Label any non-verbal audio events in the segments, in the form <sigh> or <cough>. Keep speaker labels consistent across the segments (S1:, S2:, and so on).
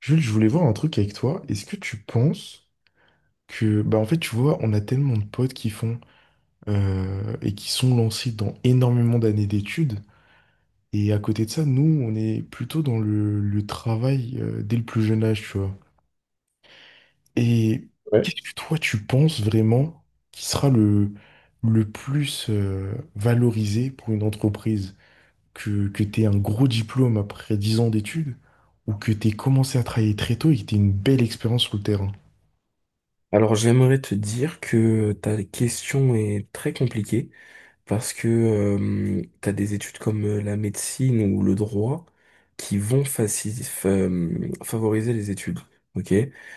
S1: Jules, je voulais voir un truc avec toi. Est-ce que tu penses que, bah en fait, tu vois, on a tellement de potes qui font et qui sont lancés dans énormément d'années d'études. Et à côté de ça, nous, on est plutôt dans le travail dès le plus jeune âge, tu vois. Et
S2: Ouais.
S1: qu'est-ce que toi, tu penses vraiment qui sera le plus valorisé pour une entreprise? Que tu aies un gros diplôme après 10 ans d'études ou que tu aies commencé à travailler très tôt et que tu aies une belle expérience sur le terrain?
S2: Alors j'aimerais te dire que ta question est très compliquée parce que tu as des études comme la médecine ou le droit qui vont favoriser les études. Ok?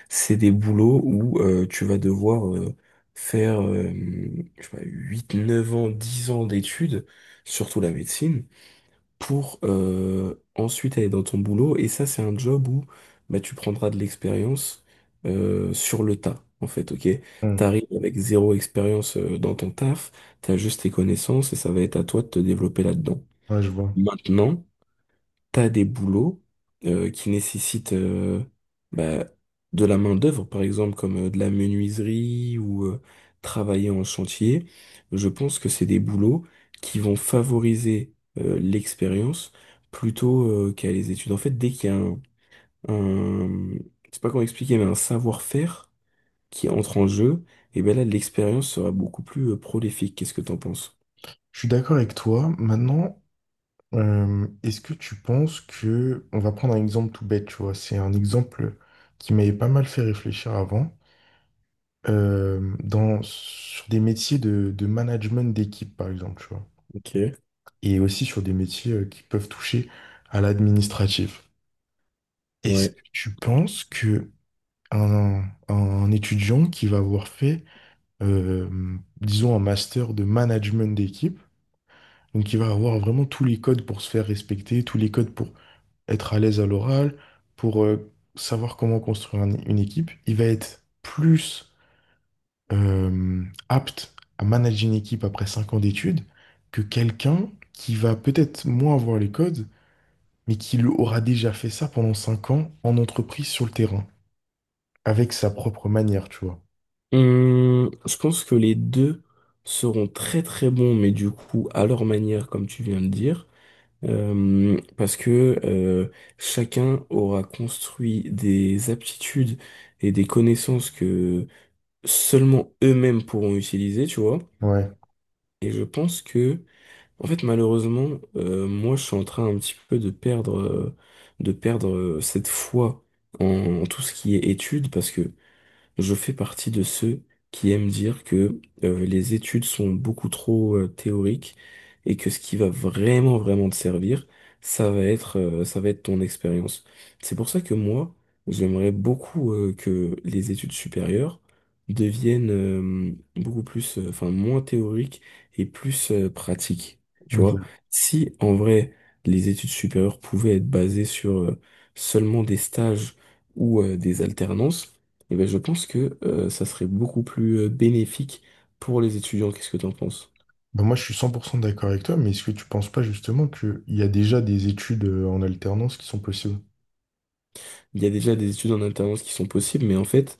S2: C'est des boulots où tu vas devoir faire je sais pas, 8, 9 ans, 10 ans d'études, surtout la médecine, pour ensuite aller dans ton boulot. Et ça, c'est un job où bah, tu prendras de l'expérience sur le tas, en fait, ok? T'arrives avec zéro expérience dans ton taf, t'as juste tes connaissances et ça va être à toi de te développer là-dedans.
S1: Ouais, je vois.
S2: Maintenant, t'as des boulots qui nécessitent bah, de la main-d'œuvre, par exemple, comme de la menuiserie ou travailler en chantier. Je pense que c'est des boulots qui vont favoriser l'expérience plutôt qu'à les études. En fait, dès qu'il y a un- je sais pas comment expliquer, mais un savoir-faire qui entre en jeu, et ben là, l'expérience sera beaucoup plus prolifique. Qu'est-ce que t'en penses?
S1: Je suis d'accord avec toi. Maintenant, est-ce que tu penses que... On va prendre un exemple tout bête, tu vois. C'est un exemple qui m'avait pas mal fait réfléchir avant. Dans, sur des métiers de management d'équipe, par exemple, tu vois.
S2: Ok,
S1: Et aussi sur des métiers qui peuvent toucher à l'administratif. Est-ce
S2: ouais.
S1: que tu penses que un, un étudiant qui va avoir fait, euh, disons, un master de management d'équipe, donc il va avoir vraiment tous les codes pour se faire respecter, tous les codes pour être à l'aise à l'oral, pour savoir comment construire une équipe. Il va être plus euh, apte à manager une équipe après 5 ans d'études que quelqu'un qui va peut-être moins avoir les codes, mais qui lui aura déjà fait ça pendant 5 ans en entreprise sur le terrain, avec sa propre manière, tu vois.
S2: Je pense que les deux seront très très bons, mais du coup à leur manière, comme tu viens de dire. Parce que chacun aura construit des aptitudes et des connaissances que seulement eux-mêmes pourront utiliser, tu vois.
S1: Ouais.
S2: Et je pense que, en fait, malheureusement, moi je suis en train un petit peu de perdre cette foi en tout ce qui est études, parce que je fais partie de ceux qui aiment dire que les études sont beaucoup trop théoriques et que ce qui va vraiment vraiment te servir, ça va être ça va être ton expérience. C'est pour ça que moi, j'aimerais beaucoup que les études supérieures deviennent beaucoup plus enfin moins théoriques et plus pratiques. Tu vois,
S1: Ok.
S2: si en vrai les études supérieures pouvaient être basées sur seulement des stages ou des alternances eh ben, je pense que ça serait beaucoup plus bénéfique pour les étudiants. Qu'est-ce que t'en penses?
S1: Ben moi, je suis 100% d'accord avec toi, mais est-ce que tu penses pas justement qu'il y a déjà des études en alternance qui sont possibles?
S2: Il y a déjà des études en alternance qui sont possibles, mais en fait,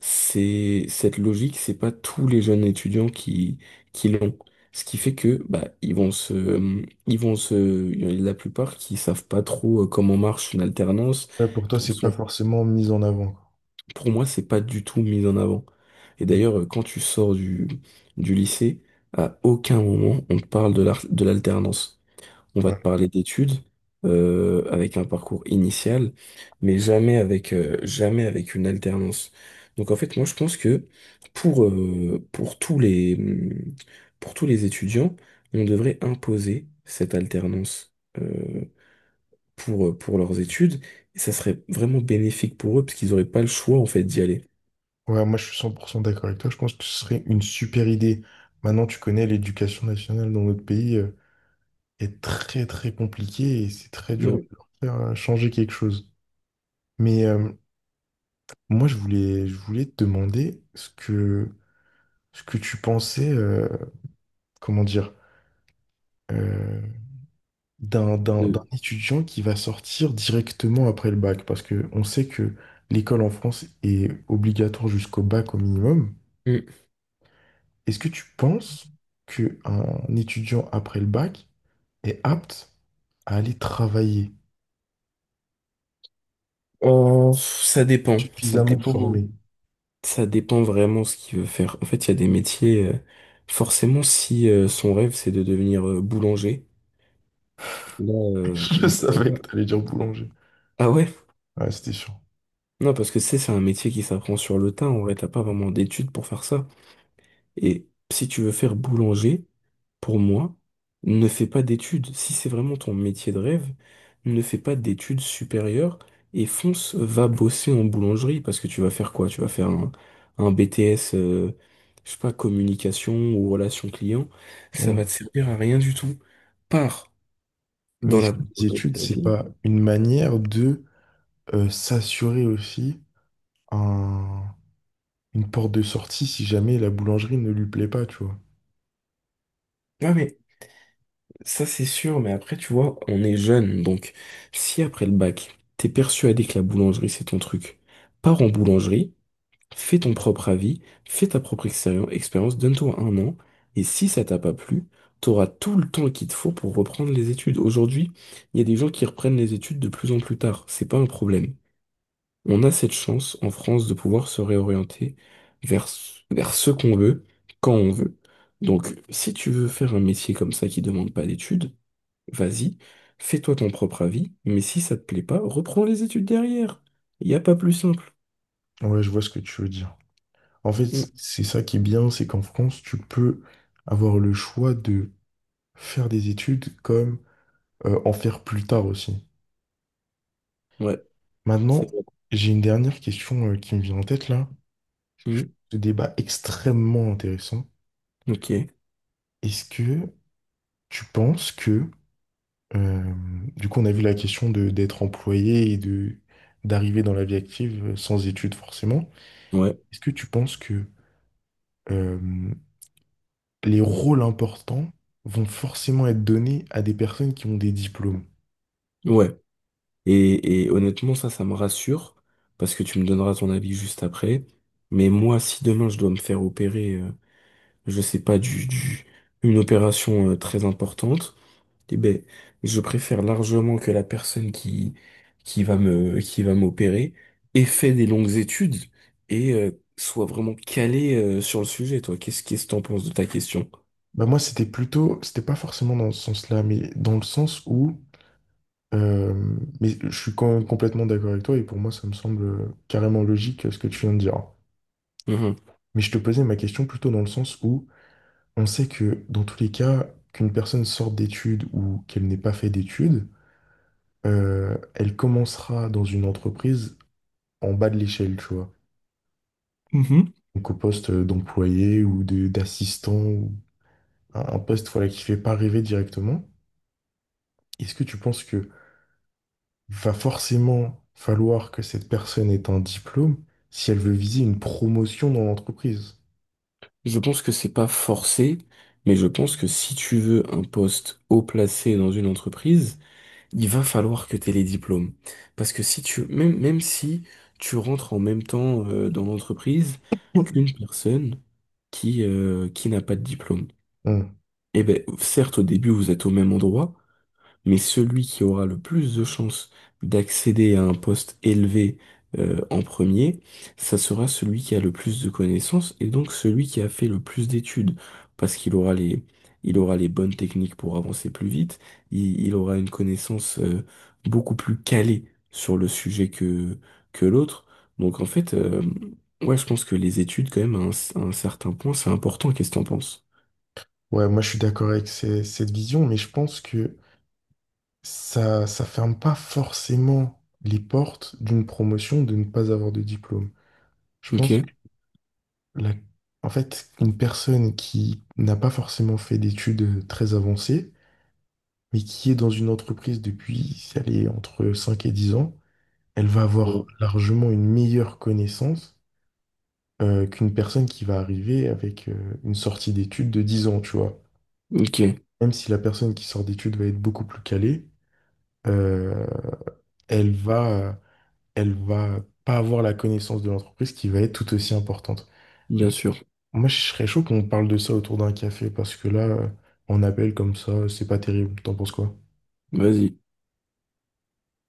S2: c'est cette logique, c'est pas tous les jeunes étudiants qui l'ont. Ce qui fait que bah ils vont se il y en a la plupart qui savent pas trop comment marche une alternance,
S1: Ouais, pour toi,
S2: qui
S1: c'est pas
S2: sont
S1: forcément mis en avant. Quoi.
S2: pour moi c'est pas du tout mis en avant. Et
S1: Ok.
S2: d'ailleurs, quand tu sors du lycée, à aucun moment on te parle de de l'alternance. On va
S1: Ouais.
S2: te parler d'études avec un parcours initial, mais jamais jamais avec une alternance. Donc en fait, moi je pense que pour, euh, pour tous les, hum, pour tous les étudiants, on devrait imposer cette alternance euh, pour leurs études, et ça serait vraiment bénéfique pour eux, parce qu'ils n'auraient pas le choix en fait d'y aller.
S1: Ouais, moi, je suis 100% d'accord avec toi. Je pense que ce serait une super idée. Maintenant, tu connais l'éducation nationale dans notre pays est très, très compliquée et c'est très dur de
S2: Ouais.
S1: leur faire changer quelque chose. Mais moi, je voulais te demander ce que tu pensais, comment dire, euh, d'un
S2: De-
S1: étudiant qui va sortir directement après le bac. Parce que on sait que l'école en France est obligatoire jusqu'au bac au minimum.
S2: Hum.
S1: Est-ce que tu penses qu'un étudiant après le bac est apte à aller travailler,
S2: Oh, ça dépend, ça
S1: suffisamment
S2: dépend.
S1: formé?
S2: Ça dépend vraiment ce qu'il veut faire. En fait, il y a des métiers, forcément, si son rêve, c'est de devenir boulanger, là,
S1: <laughs> Je
S2: non, ça
S1: savais
S2: va
S1: que
S2: pas.
S1: t'allais dire boulanger.
S2: Ah ouais?
S1: Ouais, c'était sûr.
S2: Non, parce que tu sais, c'est un métier qui s'apprend sur le tas. En vrai, t'as pas vraiment d'études pour faire ça. Et si tu veux faire boulanger, pour moi, ne fais pas d'études. Si c'est vraiment ton métier de rêve, ne fais pas d'études supérieures et fonce, va bosser en boulangerie parce que tu vas faire quoi? Tu vas faire un BTS, je sais pas, communication ou relation client. Ça
S1: Mm.
S2: va te servir à rien du tout. Pars
S1: Mais
S2: dans
S1: est-ce
S2: la
S1: que les
S2: boulangerie de
S1: études,
S2: ta
S1: c'est
S2: vie.
S1: pas une manière de s'assurer aussi un- une porte de sortie si jamais la boulangerie ne lui plaît pas, tu vois?
S2: Ah mais ça c'est sûr, mais après tu vois, on est jeune, donc si après le bac, t'es persuadé que la boulangerie c'est ton truc, pars en boulangerie. Fais ton propre avis, fais ta propre expérience, donne-toi un an, et si ça t'a pas plu, t'auras tout le temps qu'il te faut pour reprendre les études. Aujourd'hui, il y a des gens qui reprennent les études de plus en plus tard, c'est pas un problème. On a cette chance en France de pouvoir se réorienter vers, vers ce qu'on veut, quand on veut. Donc, si tu veux faire un métier comme ça qui demande pas d'études, vas-y, fais-toi ton propre avis, mais si ça te plaît pas, reprends les études derrière. Il n'y a pas plus simple.
S1: Ouais, je vois ce que tu veux dire. En fait,
S2: Mm.
S1: c'est ça qui est bien, c'est qu'en France, tu peux avoir le choix de faire des études comme en faire plus tard aussi.
S2: Ouais,
S1: Maintenant,
S2: c'est vrai.
S1: j'ai une dernière question qui me vient en tête là.
S2: Mmh.
S1: Ce débat extrêmement intéressant.
S2: Ok,
S1: Est-ce que tu penses que, euh, du coup, on a vu la question de d'être employé et de d'arriver dans la vie active sans études forcément.
S2: ouais,
S1: Est-ce que tu penses que euh, les rôles importants vont forcément être donnés à des personnes qui ont des diplômes?
S2: ouais. Et honnêtement, ça me rassure, parce que tu me donneras ton avis juste après. Mais moi, si demain je dois me faire opérer, je sais pas, une opération très importante, eh ben, je préfère largement que la personne qui va qui va m'opérer ait fait des longues études et soit vraiment calée sur le sujet, toi. Qu'est-ce que t'en penses de ta question?
S1: Bah moi, c'était pas forcément dans ce sens-là, mais dans le sens où Euh, mais je suis complètement d'accord avec toi et pour moi, ça me semble carrément logique ce que tu viens de dire. Mais je te posais ma question plutôt dans le sens où on sait que dans tous les cas, qu'une personne sorte d'études ou qu'elle n'ait pas fait d'études, elle commencera dans une entreprise en bas de l'échelle, tu vois.
S2: Mhm.
S1: Donc au poste d'employé ou d'assistant, ou un poste voilà, qui fait pas rêver directement. Est-ce que tu penses que va forcément falloir que cette personne ait un diplôme si elle veut viser une promotion dans l'entreprise.
S2: Je pense que c'est pas forcé, mais je pense que si tu veux un poste haut placé dans une entreprise, il va falloir que tu aies les diplômes. Parce que si tu, même, même si tu rentres en même temps dans l'entreprise qu'une personne qui n'a pas de diplôme,
S1: Bon.
S2: eh ben, certes, au début, vous êtes au même endroit, mais celui qui aura le plus de chances d'accéder à un poste élevé en premier, ça sera celui qui a le plus de connaissances et donc celui qui a fait le plus d'études, parce qu'il aura les, il aura les bonnes techniques pour avancer plus vite, il aura une connaissance beaucoup plus calée sur le sujet que l'autre. Donc en fait, ouais, je pense que les études, quand même, à un certain point, c'est important. Qu'est-ce que t'en penses?
S1: Ouais, moi je suis d'accord avec cette vision, mais je pense que ça ferme pas forcément les portes d'une promotion de ne pas avoir de diplôme. Je
S2: Ok.
S1: pense que la- en fait, une personne qui n'a pas forcément fait d'études très avancées, mais qui est dans une entreprise depuis, si elle est entre 5 et 10 ans, elle va
S2: Ouais.
S1: avoir largement une meilleure connaissance qu'une personne qui va arriver avec une sortie d'études de 10 ans, tu vois.
S2: Ok,
S1: Même si la personne qui sort d'études va être beaucoup plus calée, euh, elle va, elle va pas avoir la connaissance de l'entreprise qui va être tout aussi importante.
S2: bien sûr.
S1: Moi, je serais chaud qu'on parle de ça autour d'un café parce que là, on appelle comme ça, c'est pas terrible. T'en penses quoi?
S2: Vas-y.